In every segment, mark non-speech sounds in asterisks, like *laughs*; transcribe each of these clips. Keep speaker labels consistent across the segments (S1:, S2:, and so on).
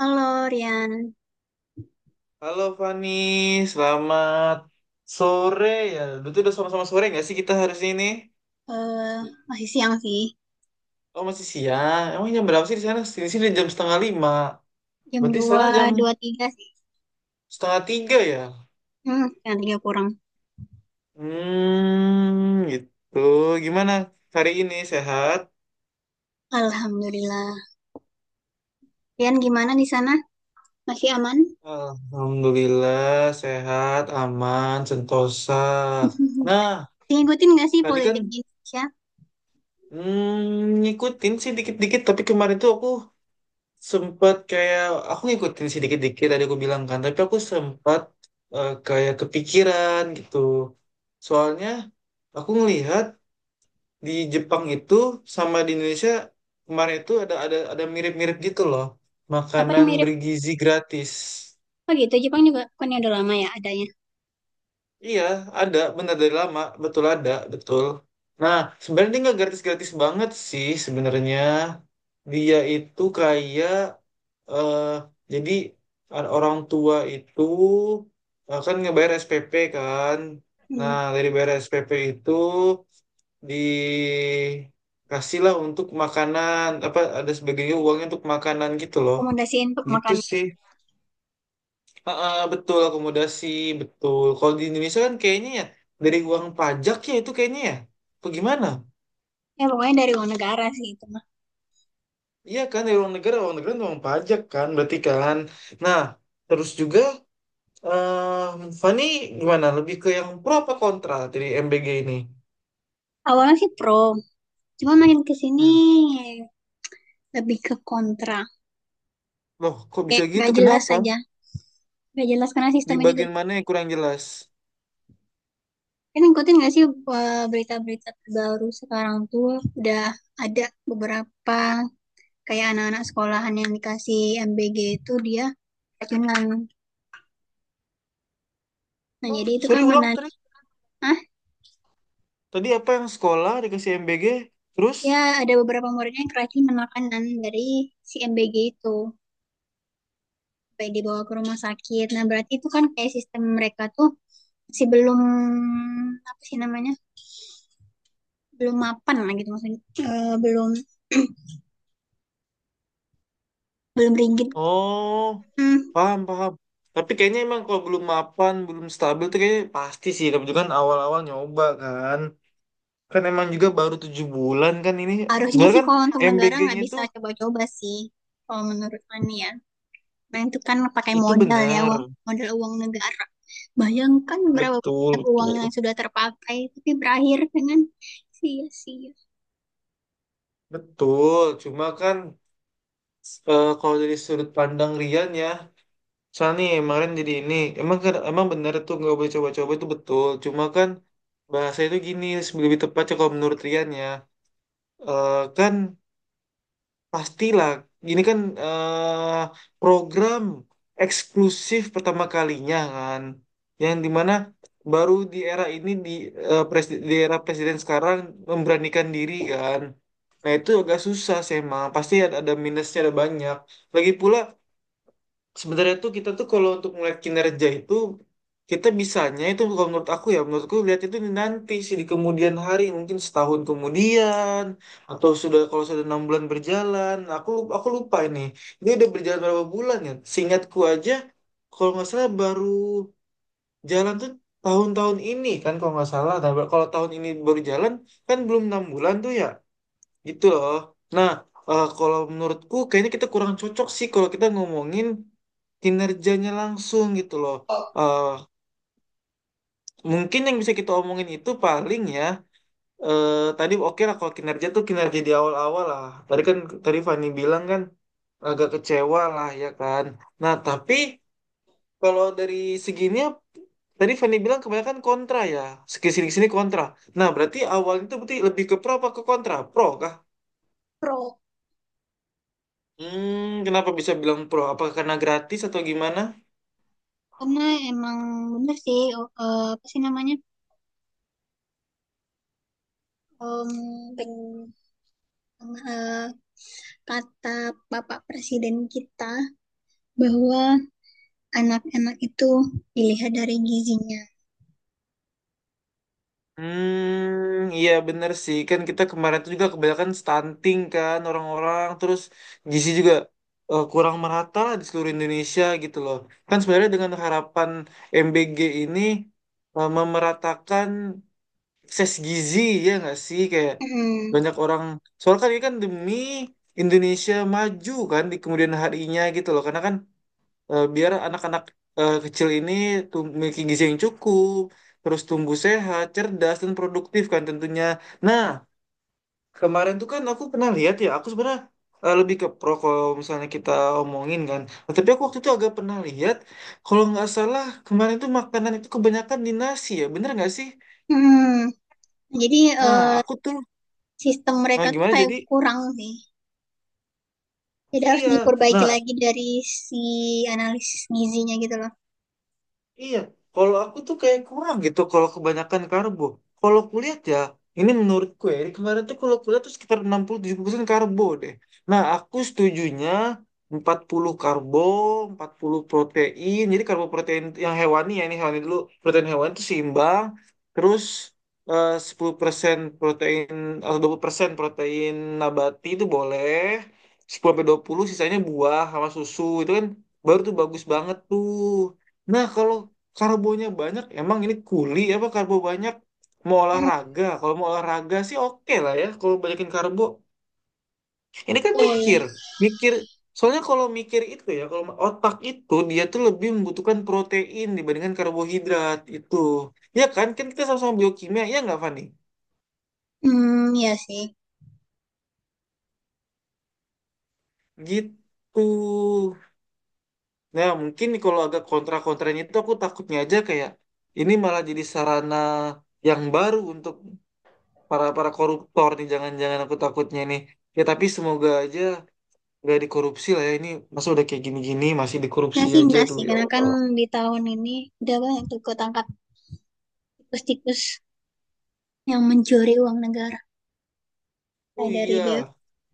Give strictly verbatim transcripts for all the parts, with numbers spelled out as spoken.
S1: Halo Rian,
S2: Halo Fani, selamat sore ya. Betul udah sama-sama sore nggak sih kita hari ini?
S1: eh masih siang sih,
S2: Oh masih siang. Emang jam berapa sih di sana? Di sini jam setengah lima.
S1: jam
S2: Berarti
S1: dua
S2: sana jam
S1: dua tiga sih,
S2: setengah tiga ya?
S1: hmm, jam tiga kurang.
S2: Hmm, gitu. Gimana hari ini sehat?
S1: Alhamdulillah. Rian gimana di sana? Masih aman?
S2: Alhamdulillah sehat, aman, sentosa.
S1: *laughs*
S2: Nah,
S1: Ngikutin nggak sih
S2: tadi kan
S1: politik di Indonesia?
S2: hmm, ngikutin sih dikit-dikit, tapi kemarin tuh aku sempet kayak aku ngikutin sedikit dikit-dikit tadi aku bilang kan, tapi aku sempat eh, kayak kepikiran gitu. Soalnya aku ngelihat di Jepang itu sama di Indonesia kemarin itu ada ada ada mirip-mirip gitu loh.
S1: Apa yang
S2: Makanan
S1: mirip?
S2: bergizi gratis.
S1: Oh gitu, Jepang juga kan ya udah lama ya adanya.
S2: Iya, ada benar dari lama, betul ada, betul. Nah, sebenarnya dia nggak gratis-gratis banget sih sebenarnya. Dia itu kayak eh jadi ada orang tua itu eh, kan ngebayar S P P kan.
S1: Hmm,
S2: Nah, dari bayar S P P itu dikasihlah untuk makanan apa ada sebagainya uangnya untuk makanan gitu loh.
S1: rekomendasiin untuk
S2: Gitu
S1: makan.
S2: sih. Ah, ah, betul akomodasi, betul. Kalau di Indonesia kan kayaknya ya dari uang pajak ya itu kayaknya ya. Apa gimana?
S1: Ya pokoknya dari luar negara sih itu mah.
S2: Iya kan dari uang negara, uang negara kan uang pajak kan berarti kan. Nah, terus juga eh Fani gimana? Lebih ke yang pro apa kontra dari M B G ini?
S1: Awalnya sih pro, cuma makin ke sini
S2: Hmm.
S1: lebih ke kontra.
S2: Loh, kok bisa
S1: Kayak nggak
S2: gitu?
S1: jelas
S2: Kenapa?
S1: aja. Nggak jelas karena
S2: Di
S1: sistemnya juga.
S2: bagian mana yang kurang jelas?
S1: Kan ngikutin nggak sih eh, berita-berita terbaru sekarang tuh udah ada beberapa kayak anak-anak sekolahan yang dikasih M B G itu dia keracunan. Nah,
S2: Oh,
S1: jadi itu
S2: sorry
S1: kan
S2: ulang
S1: menan
S2: tadi.
S1: ah
S2: Tadi apa yang sekolah dikasih M B G, terus?
S1: ya, ada beberapa muridnya yang keracunan makanan dari si M B G itu sampai dibawa ke rumah sakit. Nah, berarti itu kan kayak sistem mereka tuh masih belum, apa sih namanya, belum mapan lah gitu maksudnya. Eh, belum *clears throat* belum rigid.
S2: Oh,
S1: Hmm.
S2: paham, paham. Tapi kayaknya emang kalau belum mapan, belum stabil tuh kayaknya pasti sih. Tapi juga kan awal-awal nyoba kan. Kan emang juga baru tujuh bulan kan ini.
S1: Harusnya
S2: Sebenarnya
S1: sih
S2: kan
S1: kalau untuk negara
S2: M B G-nya
S1: nggak
S2: itu,
S1: bisa coba-coba sih, kalau menurut Fani ya. Nah itu kan pakai
S2: itu
S1: modal ya,
S2: benar.
S1: uang, modal uang negara. Bayangkan berapa
S2: Betul,
S1: banyak uang yang
S2: betul.
S1: sudah terpakai, tapi berakhir dengan sia-sia.
S2: Betul, cuma kan. Eh, kalau dari sudut pandang Rian ya, soalnya nih kemarin jadi ini, emang kan emang bener tuh nggak boleh coba-coba itu betul. Cuma kan bahasa itu gini lebih tepatnya kalau menurut Rian ya, Eh, kan pastilah gini kan eh, program eksklusif pertama kalinya kan, yang dimana baru di era ini di eh, presi- di era presiden sekarang memberanikan diri kan. Nah itu agak susah sih emang, pasti ada, ada minusnya ada banyak. Lagi pula sebenarnya tuh kita tuh kalau untuk melihat kinerja itu kita bisanya itu kalau menurut aku ya menurutku lihat itu di nanti sih, di kemudian hari mungkin setahun kemudian atau sudah kalau sudah enam bulan berjalan. Aku lup- aku lupa ini ini udah berjalan berapa bulan ya, seingatku aja kalau nggak salah baru jalan tuh tahun-tahun ini kan kalau nggak salah. Nah, kalau tahun ini baru jalan kan belum enam bulan tuh ya. Gitu loh. Nah, eh, kalau menurutku kayaknya kita kurang cocok sih kalau kita ngomongin kinerjanya langsung gitu loh. Eh, mungkin yang bisa kita omongin itu paling ya, eh, tadi oke lah kalau kinerja tuh kinerja di awal-awal lah. Tadi kan tadi Fani bilang kan agak kecewa lah ya kan. Nah, tapi kalau dari segininya tadi Fani bilang kebanyakan kontra ya, sini sini kontra. Nah berarti awalnya itu berarti lebih ke pro apa ke kontra? Pro kan?
S1: Pro,
S2: Hmm, kenapa bisa bilang pro? Apa karena gratis atau gimana?
S1: karena emang bener sih, eh, apa sih namanya, Em, peng- eh, kata Bapak Presiden kita bahwa anak-anak itu dilihat dari gizinya.
S2: Hmm, iya bener sih. Kan kita kemarin tuh juga kebanyakan stunting kan orang-orang. Terus gizi juga eh, kurang merata lah di seluruh Indonesia gitu loh. Kan sebenarnya dengan harapan M B G ini eh, memeratakan akses gizi ya nggak sih? Kayak
S1: Mm.
S2: banyak orang. Soalnya kan ini kan demi Indonesia maju kan di kemudian harinya gitu loh. Karena kan eh, biar anak-anak eh, kecil ini tuh memiliki gizi yang cukup, terus tumbuh sehat, cerdas, dan produktif kan tentunya. Nah, kemarin tuh kan aku pernah lihat ya, aku sebenarnya eh, lebih ke pro kalau misalnya kita omongin kan. Nah, tapi aku waktu itu agak pernah lihat, kalau nggak salah kemarin tuh makanan itu kebanyakan di nasi ya, bener nggak sih?
S1: Mm. Jadi
S2: Nah,
S1: eh,
S2: aku tuh,
S1: sistem
S2: nah
S1: mereka tuh
S2: gimana
S1: kayak
S2: jadi?
S1: kurang sih. Jadi harus
S2: Iya,
S1: diperbaiki
S2: nah.
S1: lagi dari si analisis gizinya gitu loh.
S2: Iya, kalau aku tuh kayak kurang gitu kalau kebanyakan karbo. Kalau kuliah ya, ini menurutku ya, ini kemarin tuh kalau kuliah tuh sekitar enam puluh tujuh puluh persen karbo deh. Nah, aku setujunya empat puluh karbo, empat puluh protein. Jadi karbo protein yang hewani ya, ini hewani dulu. Protein hewani itu seimbang. Terus eh, sepuluh persen protein atau dua puluh persen protein nabati itu boleh. Sepuluh sampai dua puluh sisanya buah sama susu. Itu kan baru tuh bagus banget tuh. Nah, kalau karbonya banyak emang ini kuli apa karbo banyak mau
S1: Hmm.
S2: olahraga, kalau mau olahraga sih oke lah ya kalau banyakin karbo. Ini kan
S1: Oh iya.
S2: mikir, mikir soalnya kalau mikir itu ya, kalau otak itu dia tuh lebih membutuhkan protein dibandingkan karbohidrat itu. Ya kan kan kita sama-sama biokimia ya nggak Fani?
S1: Hmm, iya sih.
S2: Gitu, nah mungkin kalau agak kontra-kontranya itu aku takutnya aja kayak ini malah jadi sarana yang baru untuk para para koruptor nih, jangan-jangan, aku takutnya nih ya, tapi semoga aja nggak dikorupsi lah ya ini. Masa udah kayak gini-gini masih
S1: Ya
S2: dikorupsi
S1: sih
S2: aja
S1: enggak
S2: tuh,
S1: sih,
S2: ya
S1: karena kan
S2: Allah.
S1: di tahun ini udah banyak tuh ketangkap tikus-tikus yang mencuri uang negara.
S2: Oh
S1: Kayak dari
S2: iya,
S1: B U,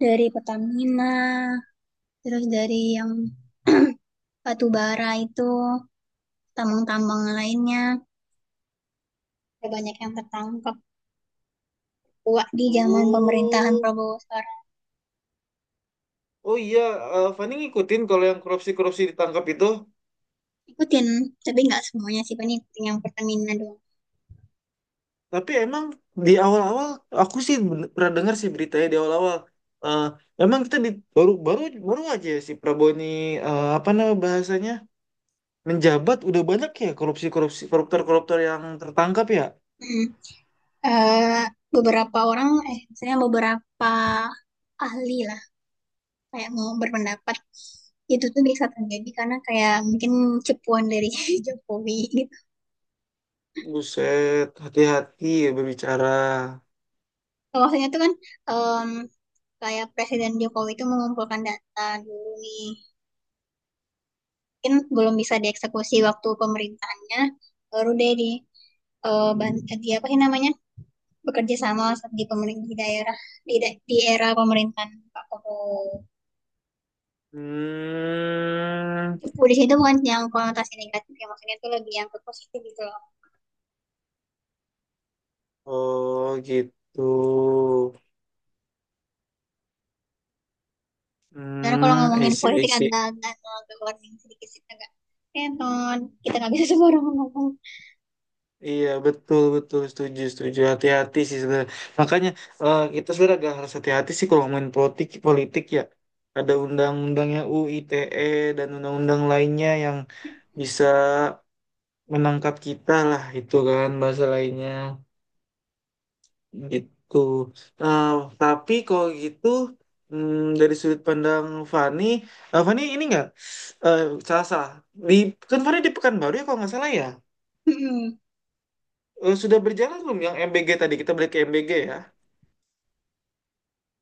S1: dari Pertamina, terus dari yang *clears throat* batu bara itu, tambang-tambang lainnya. Udah banyak yang tertangkap. Wah, di zaman pemerintahan
S2: oh,
S1: Prabowo.
S2: oh iya. eh, Fani ngikutin kalau yang korupsi-korupsi ditangkap itu.
S1: Ikutin, tapi nggak semuanya sih, paling ikutin yang Pertamina doang.
S2: Tapi emang di awal-awal aku sih ben- pernah dengar sih beritanya di awal-awal. Eh, emang kita di baru baru baru aja si Prabowo ini eh, apa nama bahasanya menjabat udah banyak ya korupsi-korupsi koruptor-koruptor yang tertangkap ya.
S1: Mm. Eh, beberapa orang, eh, misalnya beberapa ahli lah, kayak mau berpendapat, itu tuh bisa terjadi karena kayak mungkin cepuan dari *laughs* Jokowi gitu.
S2: Buset, hati-hati ya berbicara.
S1: Maksudnya tuh kan em, kayak Presiden Jokowi itu mengumpulkan data dulu nih, mungkin belum bisa dieksekusi waktu pemerintahannya, baru deh di eh, ban- di apa sih namanya, bekerja sama di pemerintah di daerah di, da- di era pemerintahan Pak Prabowo.
S2: Hmm,
S1: Politik itu bukan yang konotasi negatif ya, maksudnya itu lebih yang ke positif gitu loh.
S2: oh gitu.
S1: Karena kalau
S2: Hmm, I
S1: ngomongin
S2: see, I
S1: politik
S2: see.
S1: agak agak agak warning sedikit sih, agak kenon, kita nggak bisa *laughs* semua orang ngomong.
S2: Iya betul betul setuju setuju hati-hati sih sebenarnya, makanya eh, kita sebenarnya agak harus hati-hati sih kalau main politik politik ya, ada undang-undangnya U I T E dan undang-undang lainnya yang bisa menangkap kita lah itu kan bahasa lainnya. Itu. Nah, tapi kalau gitu hmm, dari sudut pandang Fani, eh, Fani ini nggak eh, salah salah. Di kan Fani di Pekanbaru ya kalau nggak salah ya.
S1: Mm-mm.
S2: Eh, sudah berjalan belum yang M B G? Tadi kita balik ke M B G ya.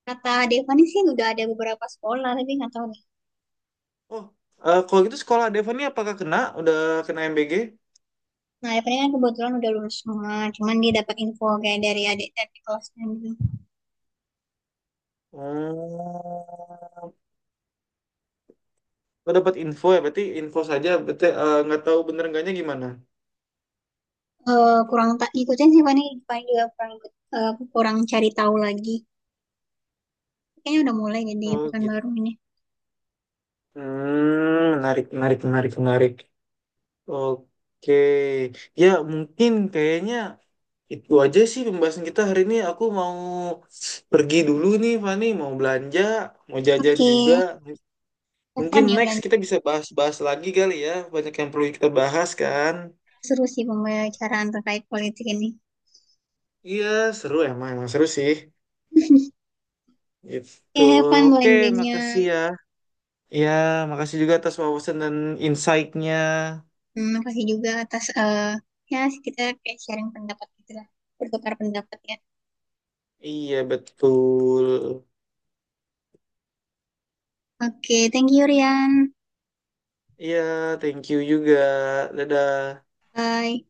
S1: Kata Devani sih udah ada beberapa sekolah tapi nggak tahu nih.
S2: Oh, eh, kalau gitu sekolah Devani apakah kena? Udah kena M B G?
S1: Nah Devani kan kebetulan udah lulus semua, cuman dia dapat info kayak dari adik dari kelasnya gitu.
S2: Oh, lo dapat info ya? Berarti info saja. Berarti eh, nggak tahu bener enggaknya gimana?
S1: Eh, kurang tak ikutin sih Fani, Fani juga kurang ikut, eh, kurang cari tahu lagi. Kayaknya udah mulai deh di
S2: Oh
S1: pekan
S2: gitu.
S1: baru ini.
S2: Hmm, menarik, menarik, menarik, menarik. Oke, ya mungkin kayaknya itu aja sih pembahasan kita hari ini. Aku mau pergi dulu nih, Fani. Mau belanja, mau jajan
S1: Oke,
S2: juga.
S1: have
S2: Mungkin
S1: fun ya
S2: next
S1: belanja.
S2: kita bisa bahas-bahas lagi kali ya. Banyak yang perlu kita bahas kan.
S1: Seru sih pembicaraan terkait politik ini.
S2: Iya, seru emang. Emang seru sih.
S1: Oke,
S2: Gitu.
S1: have fun
S2: Oke,
S1: belanjanya.
S2: makasih ya. Ya, makasih juga atas wawasan dan insight-nya.
S1: Hmm, makasih juga atas eh ya, kita kayak sharing pendapat gitu lah. Bertukar pendapat ya.
S2: Iya, betul.
S1: Oke, thank you Rian.
S2: Iya, thank you juga. Dadah.
S1: Bye.